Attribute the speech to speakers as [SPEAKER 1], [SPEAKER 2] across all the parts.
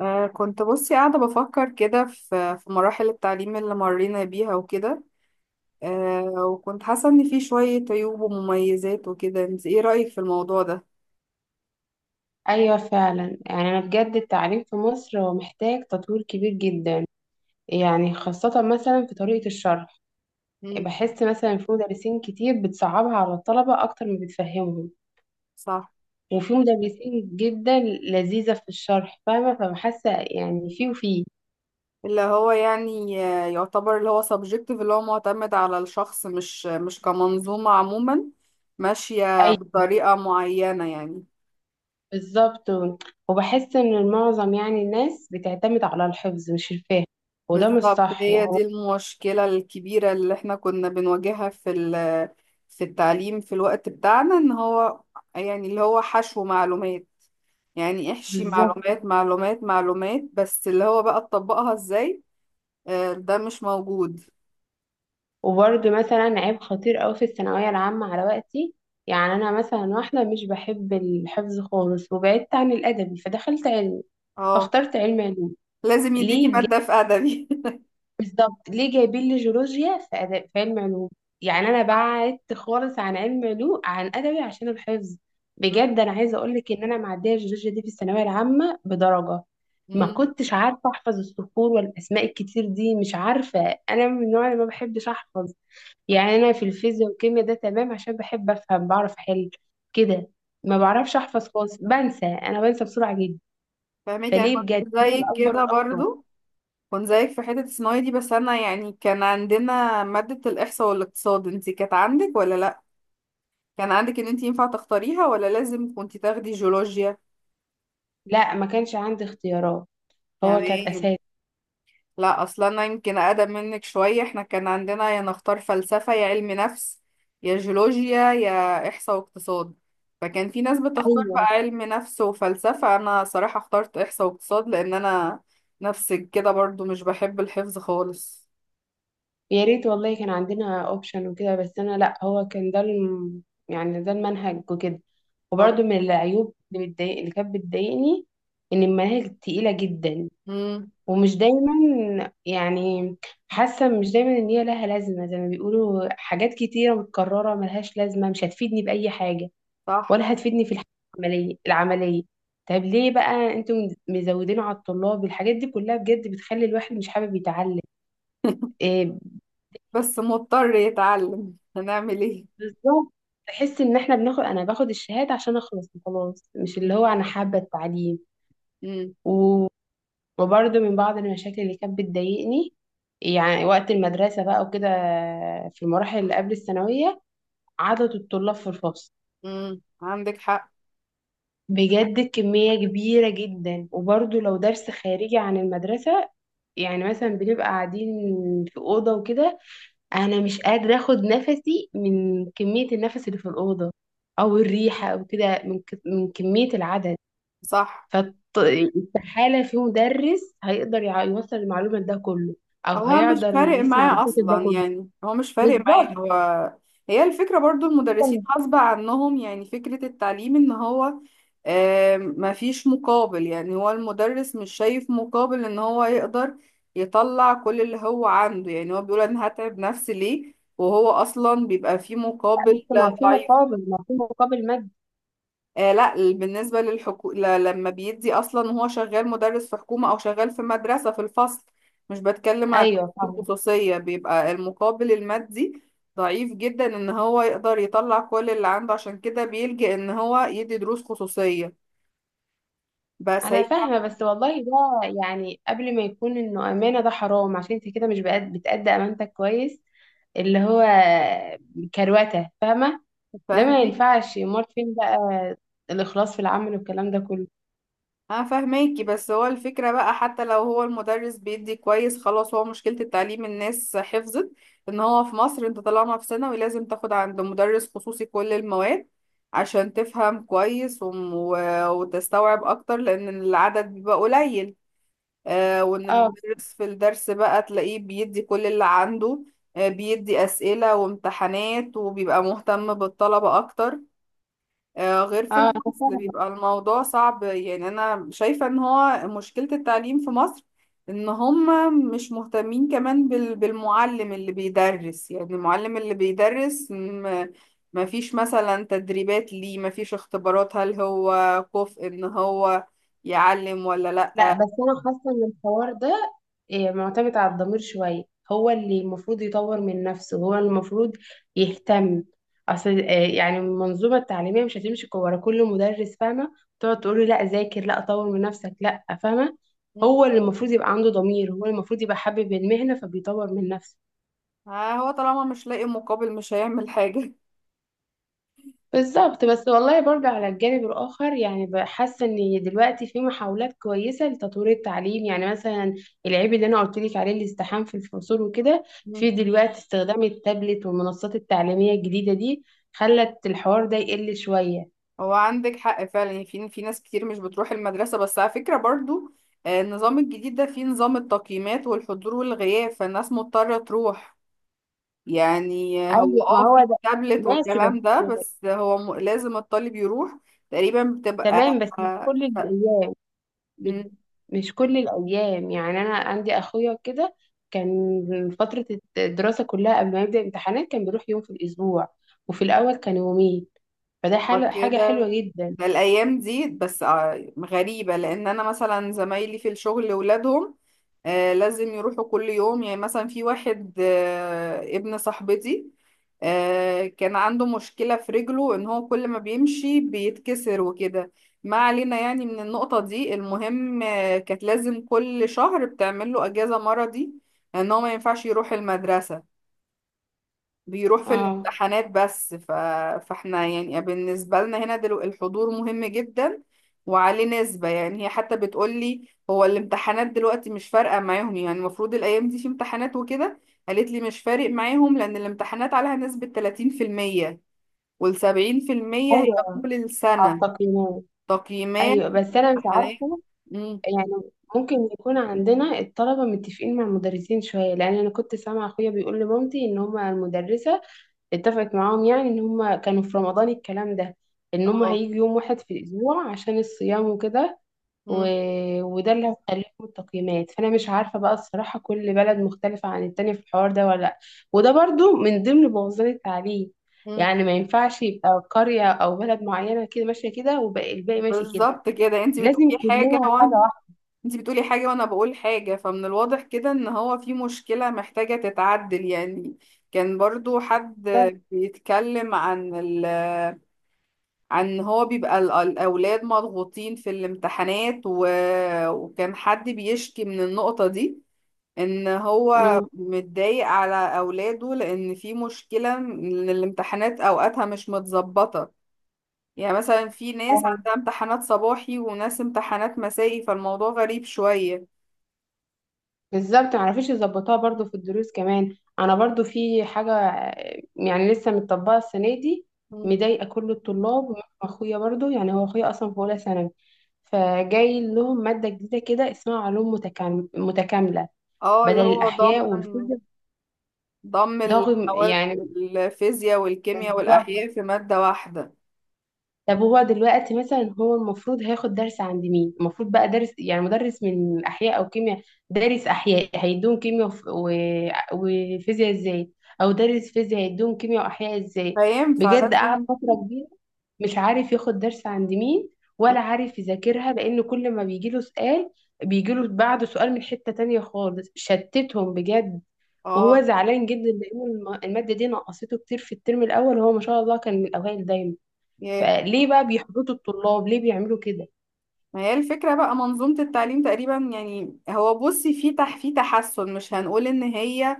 [SPEAKER 1] كنت بصي قاعدة بفكر كده في مراحل التعليم اللي مرينا بيها وكده. وكنت حاسة إن في شوية عيوب ومميزات وكده، انت ايه رأيك في الموضوع ده؟
[SPEAKER 2] أيوة، فعلا يعني أنا بجد التعليم في مصر هو محتاج تطوير كبير جدا. يعني خاصة مثلا في طريقة الشرح.
[SPEAKER 1] امم.
[SPEAKER 2] بحس مثلا في مدرسين كتير بتصعبها على الطلبة أكتر ما بتفهمهم.
[SPEAKER 1] صح.
[SPEAKER 2] وفي مدرسين جدا لذيذة في الشرح فاهمة. فبحس يعني في وفي
[SPEAKER 1] اللي هو يعني يعتبر اللي هو subjective، اللي هو معتمد على الشخص، مش كمنظومة عموما ماشية
[SPEAKER 2] أيوة،
[SPEAKER 1] بطريقة معينة يعني.
[SPEAKER 2] بالظبط. وبحس إن المعظم يعني الناس بتعتمد على الحفظ مش الفهم، وده مش
[SPEAKER 1] بالظبط،
[SPEAKER 2] صح
[SPEAKER 1] هي
[SPEAKER 2] يعني.
[SPEAKER 1] دي المشكلة الكبيرة اللي احنا كنا بنواجهها في التعليم في الوقت بتاعنا، ان هو يعني اللي هو حشو معلومات، يعني احشي
[SPEAKER 2] بالظبط.
[SPEAKER 1] معلومات معلومات معلومات، بس اللي هو بقى تطبقها ازاي؟ ده مش موجود.
[SPEAKER 2] وبرضه مثلا عيب خطير أوي في الثانوية العامة على وقتي. يعني أنا مثلا واحدة مش بحب الحفظ خالص، وبعدت عن الأدبي فدخلت علمي،
[SPEAKER 1] اه.
[SPEAKER 2] فاخترت علم علوم.
[SPEAKER 1] لازم يديكي
[SPEAKER 2] ليه؟
[SPEAKER 1] مادة في أدبي.
[SPEAKER 2] بالظبط، ليه جايبين لي جيولوجيا في أدب في علم علوم؟ يعني انا بعدت خالص عن علم علوم عن ادبي عشان الحفظ. بجد انا عايزه اقول لك ان انا معديه الجيولوجيا دي في الثانويه العامه بدرجه. ما
[SPEAKER 1] مم.
[SPEAKER 2] كنتش عارفه احفظ الصخور والاسماء الكتير دي، مش عارفه. انا من النوع اللي ما بحبش احفظ.
[SPEAKER 1] ف-
[SPEAKER 2] يعني انا في الفيزياء والكيمياء ده تمام عشان بحب افهم، بعرف احل كده. ما
[SPEAKER 1] اه.
[SPEAKER 2] بعرفش احفظ خالص، بنسى، انا بنسى بسرعه جدا.
[SPEAKER 1] فاهمك انا.
[SPEAKER 2] فليه بجد
[SPEAKER 1] كنت
[SPEAKER 2] دي من
[SPEAKER 1] زيك
[SPEAKER 2] اكبر
[SPEAKER 1] كده برضو، كنت زيك في حتة الصناعي دي، بس انا يعني كان عندنا مادة الإحصاء والاقتصاد، انتي كانت عندك ولا لأ؟ كان عندك ان انت ينفع تختاريها ولا لازم كنت تاخدي جيولوجيا؟
[SPEAKER 2] لا، ما كانش عندي اختيارات. هو كانت
[SPEAKER 1] تمام.
[SPEAKER 2] اساس.
[SPEAKER 1] لا اصلا انا يمكن اقدم منك شويه، احنا كان عندنا يا نختار فلسفه يا علم نفس يا جيولوجيا يا احصاء واقتصاد. فكان في ناس بتختار
[SPEAKER 2] ايوه.
[SPEAKER 1] بقى علم نفس وفلسفه، انا صراحه اخترت احصاء واقتصاد لان انا نفسك كده برضو مش بحب الحفظ خالص.
[SPEAKER 2] يا ريت والله كان عندنا اوبشن وكده، بس انا لا هو كان ده يعني ده المنهج وكده.
[SPEAKER 1] اه.
[SPEAKER 2] وبرده من العيوب اللي كانت بتضايقني ان المناهج تقيله جدا.
[SPEAKER 1] امم.
[SPEAKER 2] ومش دايما يعني حاسه مش دايما ان هي لها لازمه، زي ما بيقولوا حاجات كتيره متكرره ملهاش لازمه، مش هتفيدني باي حاجه
[SPEAKER 1] صح.
[SPEAKER 2] ولا هتفيدني في الحياه العمليه طب ليه بقى انتم مزودين على الطلاب الحاجات دي كلها؟ بجد بتخلي الواحد مش حابب يتعلم. آه،
[SPEAKER 1] بس مضطر يتعلم، هنعمل ايه.
[SPEAKER 2] بالظبط. بحس ان احنا بناخد انا باخد الشهاده عشان اخلص وخلاص مش اللي هو انا حابه التعليم.
[SPEAKER 1] امم.
[SPEAKER 2] و- وبرضه من بعض المشاكل اللي كانت بتضايقني يعني وقت المدرسه بقى وكده في المراحل اللي قبل الثانويه، عدد الطلاب في الفصل
[SPEAKER 1] امم، عندك حق.
[SPEAKER 2] بجد كميه كبيره جدا. وبرضه لو درس خارجي عن المدرسه، يعني مثلا بنبقى قاعدين في اوضه وكده، انا مش قادره اخد نفسي من كميه النفس اللي في الاوضه، او الريحه او كده، من كميه العدد.
[SPEAKER 1] صح.
[SPEAKER 2] فاستحاله في مدرس هيقدر يوصل المعلومه ده كله، او
[SPEAKER 1] هو مش
[SPEAKER 2] هيقدر
[SPEAKER 1] فارق
[SPEAKER 2] يسمع
[SPEAKER 1] معاه
[SPEAKER 2] المشاكل ده
[SPEAKER 1] اصلا،
[SPEAKER 2] كله.
[SPEAKER 1] يعني هو مش فارق معاه
[SPEAKER 2] بالظبط.
[SPEAKER 1] هو. هي الفكرة برضو، المدرسين
[SPEAKER 2] لا،
[SPEAKER 1] غصب عنهم، يعني فكرة التعليم ان هو ما فيش مقابل، يعني هو المدرس مش شايف مقابل ان هو يقدر يطلع كل اللي هو عنده، يعني هو بيقول انا هتعب نفسي ليه وهو اصلا بيبقى فيه مقابل
[SPEAKER 2] بس
[SPEAKER 1] ضعيف.
[SPEAKER 2] ما في مقابل مادي.
[SPEAKER 1] لا، بالنسبة لما بيدي أصلا وهو شغال مدرس في حكومة أو شغال في مدرسة في الفصل، مش بتكلم عن
[SPEAKER 2] ايوه، فاهمه.
[SPEAKER 1] الخصوصية، بيبقى المقابل المادي ضعيف جدا، إن هو يقدر يطلع كل اللي عنده، عشان كده بيلجأ إن هو يدي دروس خصوصية. بس
[SPEAKER 2] انا
[SPEAKER 1] هي.
[SPEAKER 2] فاهمه، بس والله ده يعني قبل ما يكون انه امانه، ده حرام عشان انت كده مش بقد- بتأدي امانتك كويس، اللي هو كروته فاهمه. ده ما
[SPEAKER 1] فاهمك
[SPEAKER 2] ينفعش، امال فين بقى الاخلاص في العمل والكلام ده كله؟
[SPEAKER 1] انا. فاهماكي، بس هو الفكرة بقى حتى لو هو المدرس بيدي كويس، خلاص، هو مشكلة التعليم الناس حفظت ان هو في مصر انت طالما في ثانوي لازم تاخد عند مدرس خصوصي كل المواد عشان تفهم كويس وتستوعب اكتر لان العدد بيبقى قليل. وان
[SPEAKER 2] اه.
[SPEAKER 1] المدرس في الدرس بقى تلاقيه بيدي كل اللي عنده. بيدي اسئلة وامتحانات وبيبقى مهتم بالطلبة اكتر، غير
[SPEAKER 2] اه،
[SPEAKER 1] في
[SPEAKER 2] أنا
[SPEAKER 1] الفصل
[SPEAKER 2] فاهمة.
[SPEAKER 1] بيبقى الموضوع صعب. يعني انا شايفة ان هو مشكلة التعليم في مصر ان هم مش مهتمين كمان بالمعلم اللي بيدرس، يعني المعلم اللي بيدرس ما فيش مثلا تدريبات، ليه ما فيش اختبارات؟ هل هو كفء ان هو يعلم ولا
[SPEAKER 2] لا،
[SPEAKER 1] لا؟
[SPEAKER 2] بس انا حاسه ان الحوار ده معتمد على الضمير شويه. هو اللي المفروض يطور من نفسه، هو المفروض يهتم. اصل يعني المنظومه التعليميه مش هتمشي ورا كل مدرس فاهمه، تقعد تقول له لا ذاكر لا طور من نفسك لا فاهمه.
[SPEAKER 1] مم.
[SPEAKER 2] هو اللي المفروض يبقى عنده ضمير، هو المفروض يبقى حابب المهنه فبيطور من نفسه.
[SPEAKER 1] هو طالما مش لاقي مقابل مش هيعمل حاجة.
[SPEAKER 2] بالظبط. بس والله برضه على الجانب الآخر يعني بحس إن دلوقتي في محاولات كويسة لتطوير التعليم. يعني مثلا العيب اللي أنا قلت لك عليه الازدحام في الفصول وكده، في دلوقتي استخدام التابلت والمنصات التعليمية الجديدة دي خلت الحوار ده يقل شوية.
[SPEAKER 1] هو عندك حق فعلا، يعني في ناس كتير مش بتروح المدرسة، بس على فكرة برضو النظام الجديد ده فيه نظام التقييمات والحضور والغياب، فالناس مضطرة تروح، يعني
[SPEAKER 2] أيوة،
[SPEAKER 1] هو
[SPEAKER 2] ما هو
[SPEAKER 1] في
[SPEAKER 2] ده
[SPEAKER 1] تابلت
[SPEAKER 2] ماشي. بس
[SPEAKER 1] والكلام ده، بس هو لازم الطالب يروح تقريبا. بتبقى.
[SPEAKER 2] تمام بس
[SPEAKER 1] آه. آه.
[SPEAKER 2] مش
[SPEAKER 1] مم.
[SPEAKER 2] مش كل الأيام. يعني أنا عندي أخويا كده كان فترة الدراسة كلها قبل ما يبدأ الامتحانات كان بيروح يوم في الأسبوع، وفي الأول كان يومين. فده
[SPEAKER 1] هو
[SPEAKER 2] حاجة
[SPEAKER 1] كده
[SPEAKER 2] حلوة جدا.
[SPEAKER 1] ده الايام دي، بس غريبه لان انا مثلا زمايلي في الشغل ولادهم لازم يروحوا كل يوم. يعني مثلا في واحد ابن صاحبتي كان عنده مشكله في رجله ان هو كل ما بيمشي بيتكسر وكده، ما علينا يعني من النقطه دي، المهم كانت لازم كل شهر بتعمل له اجازه مرضي ان هو ما ينفعش يروح المدرسه، بيروح في
[SPEAKER 2] اه.
[SPEAKER 1] الامتحانات بس. فاحنا يعني بالنسبة لنا هنا دلو الحضور مهم جدا، وعليه نسبة. يعني هي حتى بتقولي هو الامتحانات دلوقتي مش فارقة معاهم، يعني المفروض الأيام دي في امتحانات وكده، قالت لي مش فارق معاهم لأن الامتحانات عليها نسبة 30%، وال70% هي
[SPEAKER 2] أيوة،
[SPEAKER 1] طول
[SPEAKER 2] على
[SPEAKER 1] السنة
[SPEAKER 2] التقييمات.
[SPEAKER 1] تقييمات
[SPEAKER 2] أيوة، بس أنا مش
[SPEAKER 1] امتحانات.
[SPEAKER 2] عارفة
[SPEAKER 1] امم.
[SPEAKER 2] يعني ممكن يكون عندنا الطلبة متفقين مع المدرسين شوية، لأن أنا كنت سامعة أخويا بيقول لمامتي إن هما المدرسة اتفقت معاهم يعني إن هما كانوا في رمضان الكلام ده إن هما
[SPEAKER 1] اه.
[SPEAKER 2] هيجوا يوم واحد في الأسبوع عشان الصيام وكده. و...
[SPEAKER 1] امم.
[SPEAKER 2] وده اللي هيخليهم التقييمات، فانا مش عارفه بقى الصراحه كل بلد مختلفه عن التانية في الحوار ده ولا لأ. وده برضو من ضمن بوظان التعليم يعني ما ينفعش يبقى قريه او بلد معينه كده ماشيه كده والباقي ماشي كده،
[SPEAKER 1] بالظبط كده، انت
[SPEAKER 2] لازم
[SPEAKER 1] بتقولي حاجة
[SPEAKER 2] كلنا حاجه
[SPEAKER 1] انتي بتقولي حاجة وانا بقول حاجة، فمن الواضح كده ان هو في مشكلة محتاجة تتعدل يعني. كان برضو حد
[SPEAKER 2] واحده.
[SPEAKER 1] بيتكلم عن ال عن هو بيبقى ال- الاولاد مضغوطين في الامتحانات، وكان حد بيشكي من النقطة دي، ان هو
[SPEAKER 2] مم.
[SPEAKER 1] متضايق على اولاده لان في مشكلة ان الامتحانات اوقاتها مش متظبطة، يعني مثلا في ناس
[SPEAKER 2] آه.
[SPEAKER 1] عندها امتحانات صباحي وناس امتحانات مسائي فالموضوع غريب شوية.
[SPEAKER 2] بالظبط، معرفيش يظبطوها. برضو في الدروس كمان انا برضو في حاجه يعني لسه متطبقه السنه دي مضايقه كل الطلاب. واخويا برضو يعني هو اخويا اصلا في اولى ثانوي، فجاي لهم ماده جديده كده اسمها علوم متكامله
[SPEAKER 1] اه،
[SPEAKER 2] بدل
[SPEAKER 1] اللي هو
[SPEAKER 2] الاحياء والفيزياء.
[SPEAKER 1] ضم
[SPEAKER 2] ضاغم
[SPEAKER 1] المواد
[SPEAKER 2] يعني.
[SPEAKER 1] الفيزياء والكيمياء
[SPEAKER 2] بالظبط.
[SPEAKER 1] والأحياء في مادة واحدة.
[SPEAKER 2] طب هو دلوقتي مثلا هو المفروض هياخد درس عند مين؟ المفروض بقى درس يعني مدرس من احياء او كيمياء. دارس احياء هيدوم كيمياء وفيزياء ازاي؟ او دارس فيزياء هيدوم كيمياء واحياء ازاي؟
[SPEAKER 1] فاهم.
[SPEAKER 2] بجد قعد
[SPEAKER 1] فلازم.
[SPEAKER 2] فترة كبيرة مش عارف ياخد درس عند مين، ولا عارف يذاكرها لان كل ما بيجيله سؤال بيجيله بعده سؤال من حتة تانية خالص، شتتهم بجد.
[SPEAKER 1] اه.
[SPEAKER 2] وهو زعلان جدا لان المادة دي نقصته كتير في الترم الاول، هو ما شاء الله كان من الاوائل دايما.
[SPEAKER 1] ياه.
[SPEAKER 2] فليه بقى بيحبطوا الطلاب؟ ليه بيعملوا كده؟
[SPEAKER 1] ما هي الفكرة بقى، منظومة التعليم تقريبا، يعني هو بصي في تحسن، مش هنقول ان هي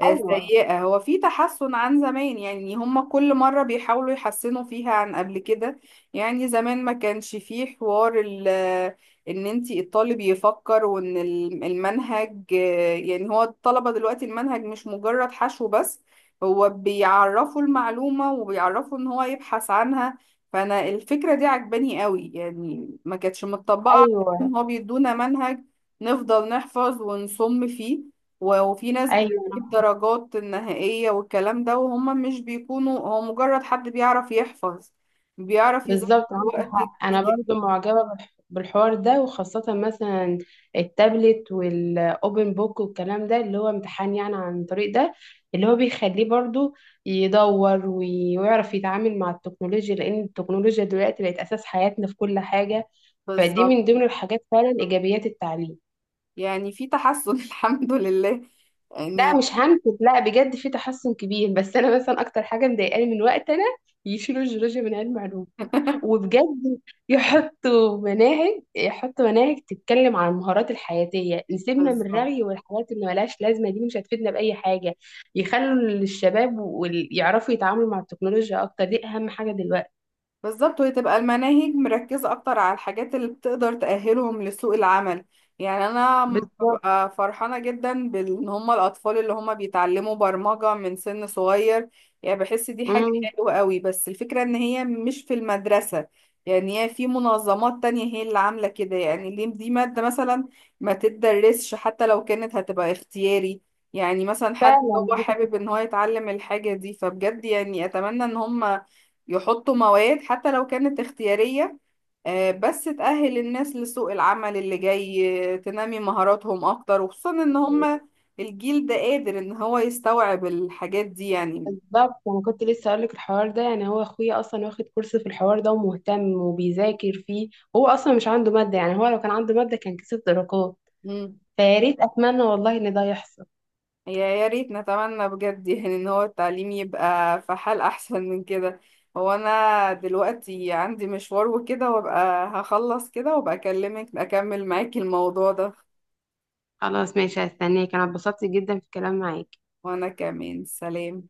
[SPEAKER 2] ايوه،
[SPEAKER 1] سيئة، هو في تحسن عن زمان، يعني هم كل مرة بيحاولوا يحسنوا فيها عن قبل كده. يعني زمان ما كانش فيه حوار ان انتي الطالب يفكر وان المنهج، يعني هو الطلبة دلوقتي المنهج مش مجرد حشو بس، هو بيعرفوا المعلومة وبيعرفوا ان هو يبحث عنها. فانا الفكرة دي عجباني قوي، يعني ما كانتش متطبقة على
[SPEAKER 2] ايوه،
[SPEAKER 1] إن هو بيدونا منهج نفضل نحفظ ونصم فيه، وفي ناس
[SPEAKER 2] ايوه.
[SPEAKER 1] الدرجات النهائية والكلام ده، وهم مش بيكونوا هو مجرد حد بيعرف يحفظ بيعرف يذاكر
[SPEAKER 2] بالظبط، معاك
[SPEAKER 1] وقت
[SPEAKER 2] حق. انا
[SPEAKER 1] كبير.
[SPEAKER 2] برضو معجبه بالحوار ده، وخاصه مثلا التابلت والاوبن بوك والكلام ده اللي هو امتحان يعني عن طريق ده اللي هو بيخليه برضو يدور ويعرف يتعامل مع التكنولوجيا، لان التكنولوجيا دلوقتي بقت اساس حياتنا في كل حاجه. فدي
[SPEAKER 1] بالظبط،
[SPEAKER 2] من ضمن الحاجات فعلا ايجابيات التعليم.
[SPEAKER 1] يعني في تحسن. الحمد لله
[SPEAKER 2] لا
[SPEAKER 1] يعني.
[SPEAKER 2] مش هنكت، لا بجد في تحسن كبير. بس انا مثلا اكتر حاجه مضايقاني من وقت انا يشيلوا الجيولوجيا من علم علوم، وبجد يحطوا مناهج، يحطوا مناهج تتكلم عن المهارات الحياتيه، نسيبنا من
[SPEAKER 1] بالظبط
[SPEAKER 2] الرغي والحاجات اللي ملهاش لازمه دي مش هتفيدنا باي حاجه. يخلوا الشباب ويعرفوا يتعاملوا مع التكنولوجيا اكتر، دي اهم حاجه دلوقتي.
[SPEAKER 1] بالظبط، وهي تبقى المناهج مركزة أكتر على الحاجات اللي بتقدر تأهلهم لسوق العمل. يعني أنا
[SPEAKER 2] بالظبط.
[SPEAKER 1] ببقى فرحانة جدا بإن هما الأطفال اللي هما بيتعلموا برمجة من سن صغير، يعني بحس دي حاجة
[SPEAKER 2] امم.
[SPEAKER 1] حلوة قوي، بس الفكرة إن هي مش في المدرسة، يعني هي في منظمات تانية هي اللي عاملة كده. يعني ليه دي مادة مثلا ما تتدرسش حتى لو كانت هتبقى اختياري، يعني مثلا حد
[SPEAKER 2] فعلا.
[SPEAKER 1] هو حابب إن هو يتعلم الحاجة دي، فبجد يعني أتمنى إن هما يحطوا مواد حتى لو كانت اختيارية، بس تأهل الناس لسوق العمل اللي جاي، تنمي مهاراتهم أكتر، وخصوصا إن هما الجيل ده قادر إن هو يستوعب الحاجات دي يعني.
[SPEAKER 2] بالظبط انا كنت لسه اقول لك الحوار ده، يعني هو اخويا اصلا واخد كورس في الحوار ده ومهتم وبيذاكر فيه، هو اصلا مش عنده ماده، يعني هو لو كان عنده ماده كان كسب درجات.
[SPEAKER 1] مم.
[SPEAKER 2] فيا ريت، اتمنى والله ان ده يحصل.
[SPEAKER 1] يا ريت نتمنى بجد يعني إن هو التعليم يبقى في حال أحسن من كده. هو أنا دلوقتي عندي مشوار وكده، وأبقى هخلص كده وأبقى أكلمك أكمل معاكي الموضوع ده.
[SPEAKER 2] خلاص ماشي، هستناك. انا اتبسطت جدا في الكلام معاك.
[SPEAKER 1] وأنا كمان، سلام.